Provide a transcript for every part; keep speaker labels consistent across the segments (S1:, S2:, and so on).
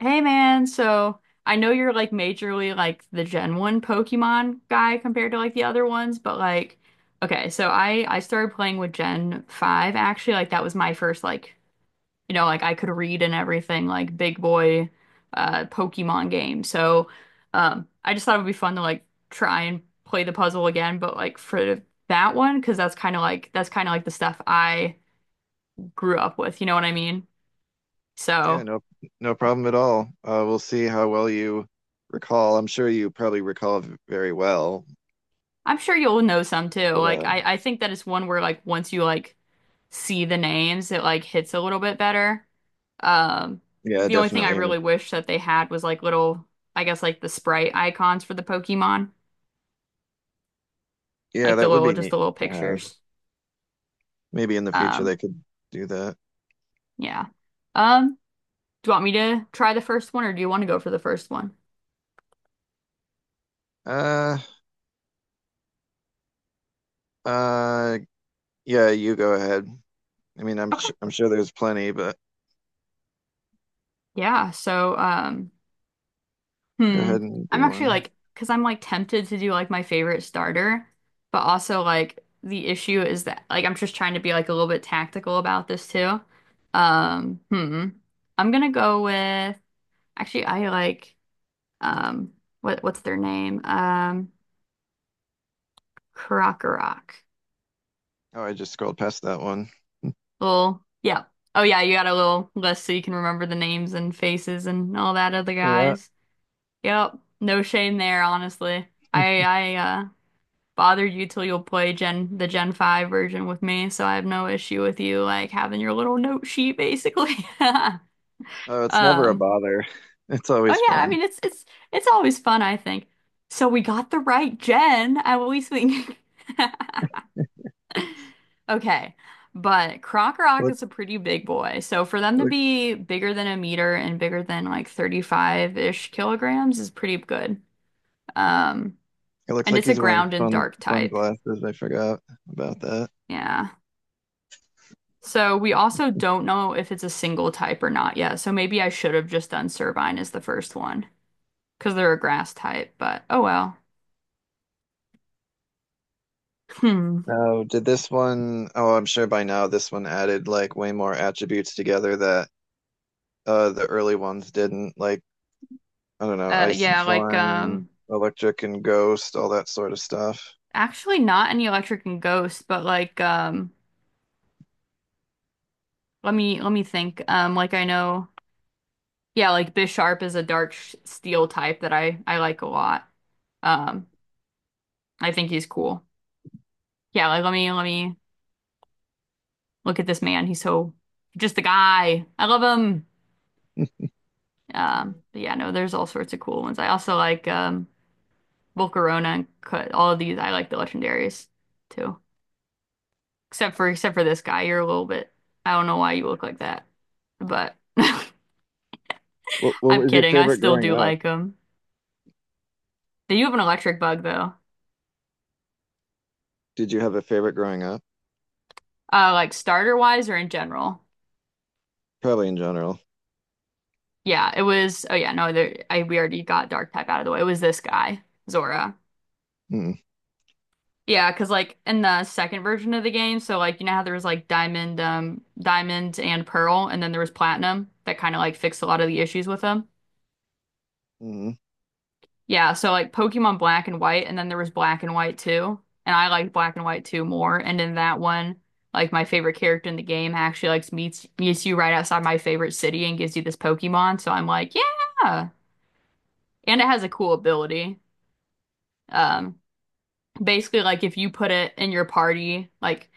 S1: Hey man, so I know you're like majorly like the Gen 1 Pokemon guy compared to like the other ones, but like okay, so I started playing with Gen 5 actually, like that was my first like you know, like I could read and everything like big boy Pokemon game. So I just thought it would be fun to like try and play the puzzle again, but like for that one 'cause that's kind of like the stuff I grew up with, you know what I mean?
S2: Yeah,
S1: So
S2: no, no problem at all. We'll see how well you recall. I'm sure you probably recall very well,
S1: I'm sure you'll know some too.
S2: but
S1: Like I think that it's one where like once you like see the names, it like hits a little bit better. Um,
S2: yeah,
S1: the only thing I
S2: definitely. And it,
S1: really wish that they had was like little, I guess like the sprite icons for the Pokemon,
S2: yeah,
S1: like the
S2: that would
S1: little,
S2: be
S1: just the
S2: neat
S1: little
S2: to have.
S1: pictures.
S2: Maybe in the future
S1: Um,
S2: they could do that.
S1: yeah. Um, do you want me to try the first one or do you want to go for the first one?
S2: Uh, uh, yeah, you go ahead. I mean,
S1: Okay.
S2: I'm sure there's plenty, but
S1: Yeah. So,
S2: go
S1: Hmm.
S2: ahead and
S1: I'm
S2: do
S1: actually
S2: one.
S1: like, because I'm like tempted to do like my favorite starter, but also like the issue is that like I'm just trying to be like a little bit tactical about this too. Um, hmm. I'm gonna go with actually I like um what's their name? Krokorok.
S2: Oh, I just scrolled past that one.
S1: Little, yeah. Oh yeah, you got a little list so you can remember the names and faces and all that other
S2: Yeah.
S1: guys. Yep. No shame there, honestly. I bothered you till you'll play Gen 5 version with me, so I have no issue with you like having your little note sheet basically.
S2: Oh, it's never a
S1: Um,
S2: bother. It's
S1: oh
S2: always
S1: yeah, I
S2: fun.
S1: mean it's always fun, I think. So we got the right gen, at least we Okay. But Croc
S2: Look,
S1: is a pretty big boy. So for them to
S2: look,
S1: be bigger than a meter and bigger than like 35-ish kilograms is pretty good. Um,
S2: it looks
S1: and
S2: like
S1: it's a
S2: he's wearing
S1: ground and dark type.
S2: sunglasses. I forgot about that.
S1: Yeah. So we also don't know if it's a single type or not yet. So maybe I should have just done Servine as the first one because they're a grass type, but oh well. Hmm.
S2: No, did this one oh I'm sure by now this one added like way more attributes together that the early ones didn't. Like, I don't know, ice and
S1: Yeah, like
S2: flying, electric and ghost, all that sort of stuff.
S1: actually not any electric and ghost, but like let me think. Like I know yeah, like Bisharp is a dark steel type that I like a lot. Um I think he's cool. Yeah, like let me look at this man. He's so just a guy. I love him. But yeah, no, there's all sorts of cool ones. I also like Volcarona and Cut all of these. I like the legendaries too. Except for this guy, you're a little bit I don't know why you look like that. But
S2: What
S1: I'm
S2: was your
S1: kidding. I
S2: favorite
S1: still
S2: growing
S1: do
S2: up?
S1: like them. They do have an electric bug though.
S2: Did you have a favorite growing up?
S1: Like starter wise or in general.
S2: Probably in general.
S1: Yeah, it was oh yeah, no, there I we already got dark type out of the way. It was this guy, Zora.
S2: Hmm.
S1: Yeah, because like in the second version of the game, so like you know how there was like diamond, diamond and pearl, and then there was platinum that kind of like fixed a lot of the issues with them.
S2: Hmm.
S1: Yeah, so like Pokemon Black and White, and then there was Black and White too, and I liked Black and White too more. And in that one, like my favorite character in the game actually like meets you right outside my favorite city and gives you this Pokemon. So I'm like, yeah, and it has a cool ability. Um, basically like if you put it in your party, like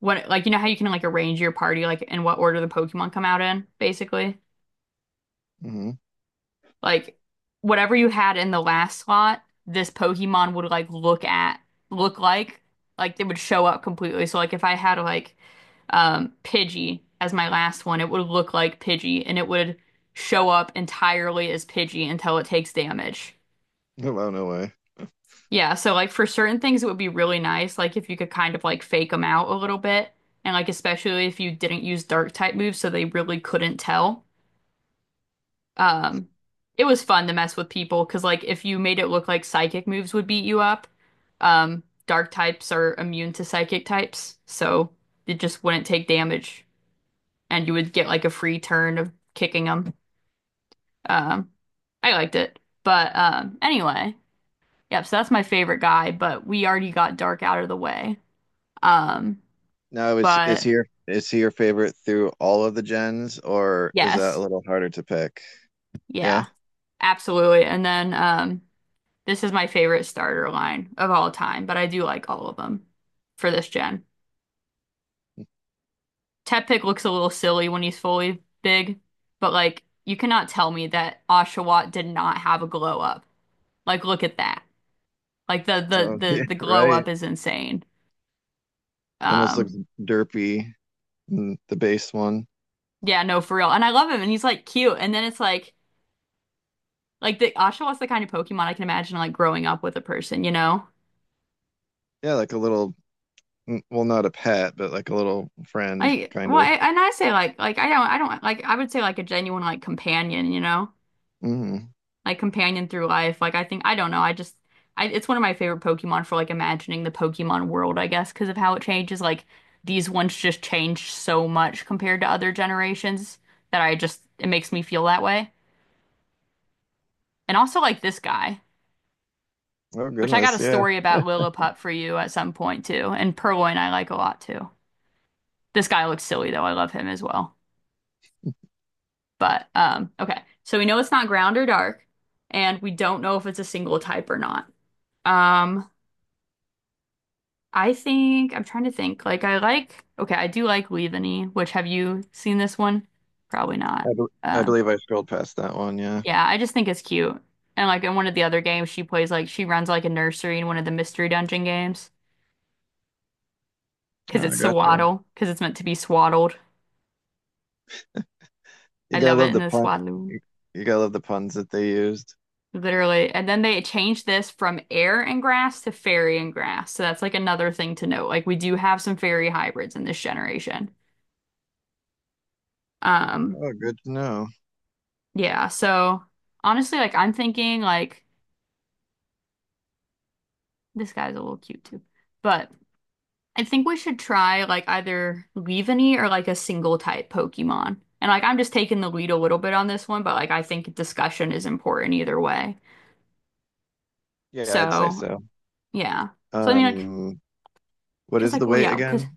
S1: what like you know how you can like arrange your party like in what order the Pokemon come out in, basically.
S2: Hmm.
S1: Like whatever you had in the last slot, this Pokemon would like look like it would show up completely. So like if I had like Pidgey as my last one, it would look like Pidgey and it would show up entirely as Pidgey until it takes damage.
S2: Oh, wow, no way.
S1: Yeah, so like for certain things, it would be really nice, like if you could kind of like fake them out a little bit, and like especially if you didn't use dark type moves, so they really couldn't tell. Um, it was fun to mess with people because like if you made it look like psychic moves would beat you up, dark types are immune to psychic types, so it just wouldn't take damage, and you would get like a free turn of kicking them. Um, I liked it, but anyway, yep. So that's my favorite guy, but we already got dark out of the way. Um,
S2: Now is
S1: but
S2: he your is he your favorite through all of the gens or is that a
S1: yes,
S2: little harder to pick? Yeah.
S1: yeah, absolutely. And then this is my favorite starter line of all time, but I do like all of them for this gen. Teppick looks a little silly when he's fully big, but like you cannot tell me that Oshawott did not have a glow up. Like look at that. Like the the
S2: Oh,
S1: the
S2: yeah,
S1: the glow
S2: right.
S1: up is insane.
S2: It almost looks
S1: Um,
S2: derpy in the base one.
S1: yeah, no, for real. And I love him, and he's like cute. And then it's like the Oshawott's the kind of Pokemon I can imagine like growing up with a person, you know?
S2: Yeah, like a little, mm, well, not a pet, but like a little friend,
S1: Like,
S2: kind
S1: well,
S2: of.
S1: I, and I say like I don't like. I would say like a genuine like companion, you know,
S2: Hmm.
S1: like companion through life. Like I think I don't know. I just, I it's one of my favorite Pokemon for like imagining the Pokemon world, I guess, because of how it changes. Like these ones just change so much compared to other generations that I just it makes me feel that way. And also like this guy,
S2: Oh
S1: which I got
S2: goodness,
S1: a
S2: yeah.
S1: story about Lillipup for you at some point too, and Purloin I like a lot too. This guy looks silly though. I love him as well. But okay. So we know it's not ground or dark, and we don't know if it's a single type or not. Um, I think I'm trying to think. Like I like okay, I do like Leaveney, which have you seen this one? Probably not.
S2: I, be- I
S1: Uh,
S2: believe I scrolled past that one. Yeah,
S1: yeah, I just think it's cute. And like in one of the other games, she plays like she runs like a nursery in one of the mystery dungeon games because it's
S2: I gotcha.
S1: swaddle because it's meant to be swaddled.
S2: You
S1: I
S2: gotta
S1: love it
S2: love
S1: in
S2: the
S1: the
S2: pun.
S1: swaddle.
S2: You, you gotta love the puns that they used.
S1: Literally. And then they changed this from air and grass to fairy and grass. So that's like another thing to note. Like we do have some fairy hybrids in this generation. Um,
S2: Oh, good to know.
S1: yeah, so honestly, like I'm thinking like this guy's a little cute too. But I think we should try like either Leavanny or like a single type Pokemon. And like I'm just taking the lead a little bit on this one, but like I think discussion is important either way.
S2: Yeah, I'd say
S1: So
S2: so.
S1: yeah. So I mean like
S2: Um, what
S1: because
S2: is
S1: like
S2: the
S1: well
S2: weight
S1: yeah, cause.
S2: again?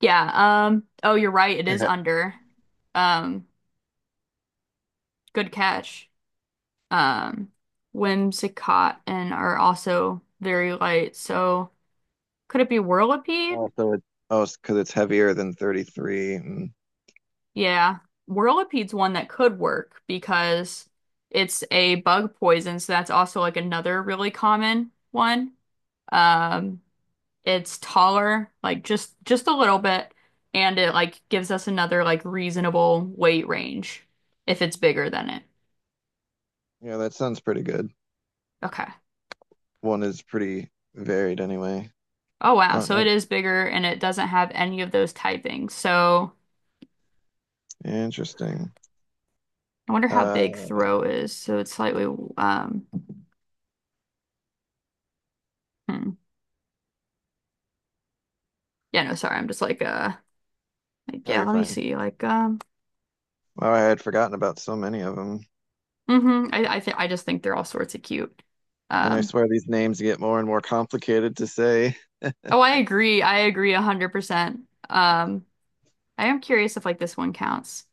S1: Yeah, oh, you're right. It
S2: I
S1: is
S2: ha-
S1: under. Um, good catch. Um, Whimsicott and are also very light. So could it be Whirlipede?
S2: Oh, oh, it's because it's heavier than 33. Mm.
S1: Yeah. Whirlipede's one that could work because it's a bug poison, so that's also like another really common one. Um, it's taller, like just a little bit, and it like gives us another like reasonable weight range if it's bigger than it.
S2: Yeah, that sounds pretty good.
S1: Okay.
S2: One is pretty varied anyway.
S1: Oh wow,
S2: Oh,
S1: so
S2: no.
S1: it is bigger and it doesn't have any of those typings. So
S2: Interesting.
S1: I wonder how big
S2: Uh,
S1: throw is. So it's slightly um hmm. Yeah, no, sorry. I'm just like
S2: oh,
S1: yeah,
S2: you're
S1: let me
S2: fine.
S1: see. Like
S2: Wow, I had forgotten about so many of them.
S1: I th I just think they're all sorts of cute.
S2: And I
S1: Um
S2: swear these names get more and more complicated to say.
S1: oh, I agree. I agree 100%. Um I am curious if like this one counts.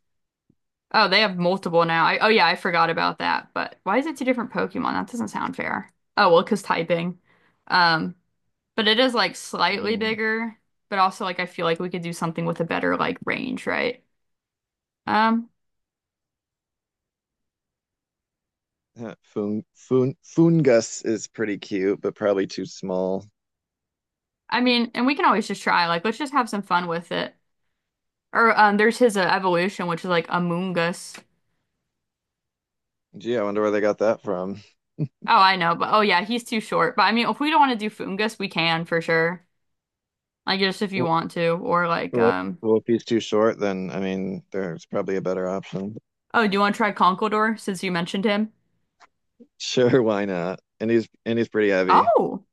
S1: Oh, they have multiple now. I oh yeah, I forgot about that. But why is it two different Pokemon? That doesn't sound fair. Oh, well, 'cause typing. Um But it is like slightly
S2: Mm.
S1: bigger, but also like I feel like we could do something with a better like range, right? Um,
S2: Fun fungus is pretty cute, but probably too small.
S1: I mean, and we can always just try. Like, let's just have some fun with it. Or there's his evolution, which is like a Us.
S2: Gee, I wonder where they got that from.
S1: Oh, I know, but oh yeah, he's too short. But I mean, if we don't want to do Fungus, we can for sure. Like just if you
S2: Well,
S1: want to, or like
S2: well, if- well, if he's too short, then I mean, there's probably a better option.
S1: oh, do you want to try Conkeldurr since you mentioned him?
S2: Sure, why not? And he's pretty heavy.
S1: Oh,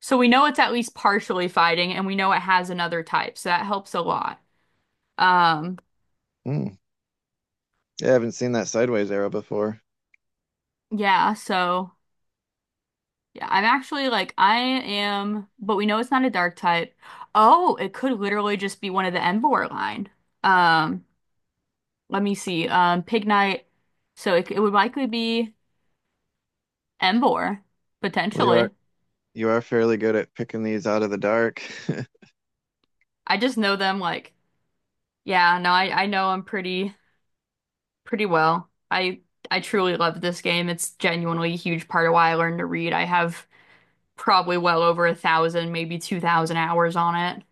S1: so we know it's at least partially fighting, and we know it has another type, so that helps a lot. Um,
S2: Mm. Yeah, I haven't seen that sideways arrow before.
S1: yeah, so. Yeah, I'm actually like I am, but we know it's not a dark type. Oh, it could literally just be one of the Emvor line. Um, let me see. Pignite. So it would likely be Emvor,
S2: Well,
S1: potentially.
S2: you are fairly good at picking these out of the dark.
S1: I just know them like yeah, no, I know them pretty well. I truly love this game. It's genuinely a huge part of why I learned to read. I have probably well over 1,000, maybe 2,000 hours on it.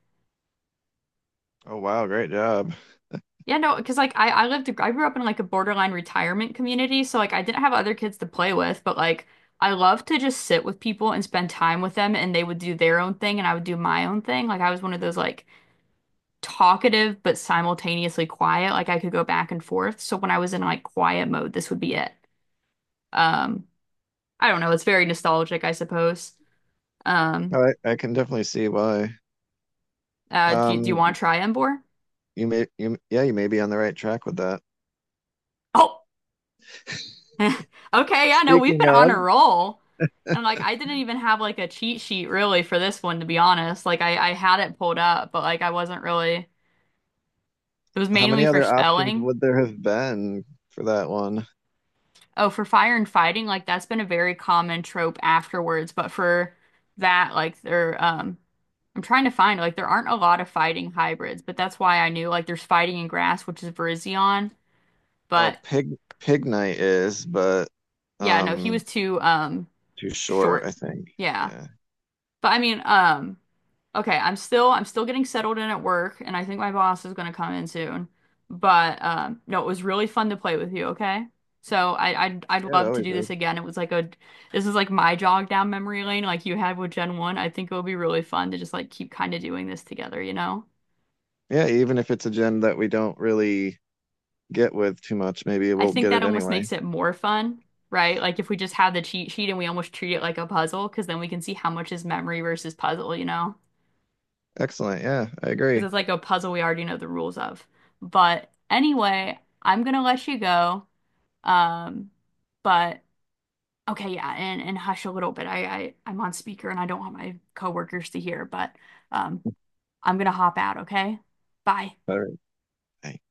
S2: Oh wow, great job.
S1: Yeah, no, because like I lived, I grew up in like a borderline retirement community. So like I didn't have other kids to play with, but like I love to just sit with people and spend time with them and they would do their own thing and I would do my own thing. Like I was one of those like talkative but simultaneously quiet. Like I could go back and forth. So when I was in like quiet mode, this would be it. Um, I don't know. It's very nostalgic, I suppose. Um,
S2: I can definitely see why.
S1: do you, do you want
S2: Um,
S1: to try Embor?
S2: You may you yeah, you may be on the right track with that.
S1: Oh, Okay, yeah, no, we've
S2: Speaking
S1: been on
S2: of,
S1: a roll. And like I didn't even have like a cheat sheet really for this one to be honest. Like I had it pulled up, but like I wasn't really it was
S2: how many
S1: mainly for
S2: other options
S1: spelling.
S2: would there have been for that one?
S1: Oh, for fire and fighting, like that's been a very common trope afterwards, but for that like there I'm trying to find like there aren't a lot of fighting hybrids, but that's why I knew like there's fighting in grass, which is Virizion,
S2: Oh,
S1: but
S2: Pig Night is, but
S1: yeah, no, he
S2: um
S1: was too
S2: too short, I
S1: short.
S2: think.
S1: Yeah.
S2: Yeah.
S1: But I mean, okay, I'm still getting settled in at work, and I think my boss is gonna come in soon. But No, it was really fun to play with you. Okay, so I'd
S2: Yeah, it
S1: love to
S2: always
S1: do
S2: is.
S1: this again. It was like a this is like my jog down memory lane, like you had with Gen 1. I think it would be really fun to just like keep kind of doing this together. You know,
S2: Yeah, even if it's a gen that we don't really get with too much, maybe
S1: I
S2: we'll
S1: think
S2: get
S1: that
S2: it
S1: almost
S2: anyway.
S1: makes it more fun, right? Like if we just have the cheat sheet and we almost treat it like a puzzle, because then we can see how much is memory versus puzzle. You know.
S2: Excellent. Yeah, I
S1: Because
S2: agree.
S1: it's like a puzzle we already know the rules of. But anyway, I'm gonna let you go. Um, but okay, yeah, and hush a little bit. I, I'm on speaker and I don't want my coworkers to hear, but um, I'm gonna hop out, okay? Bye.
S2: All right.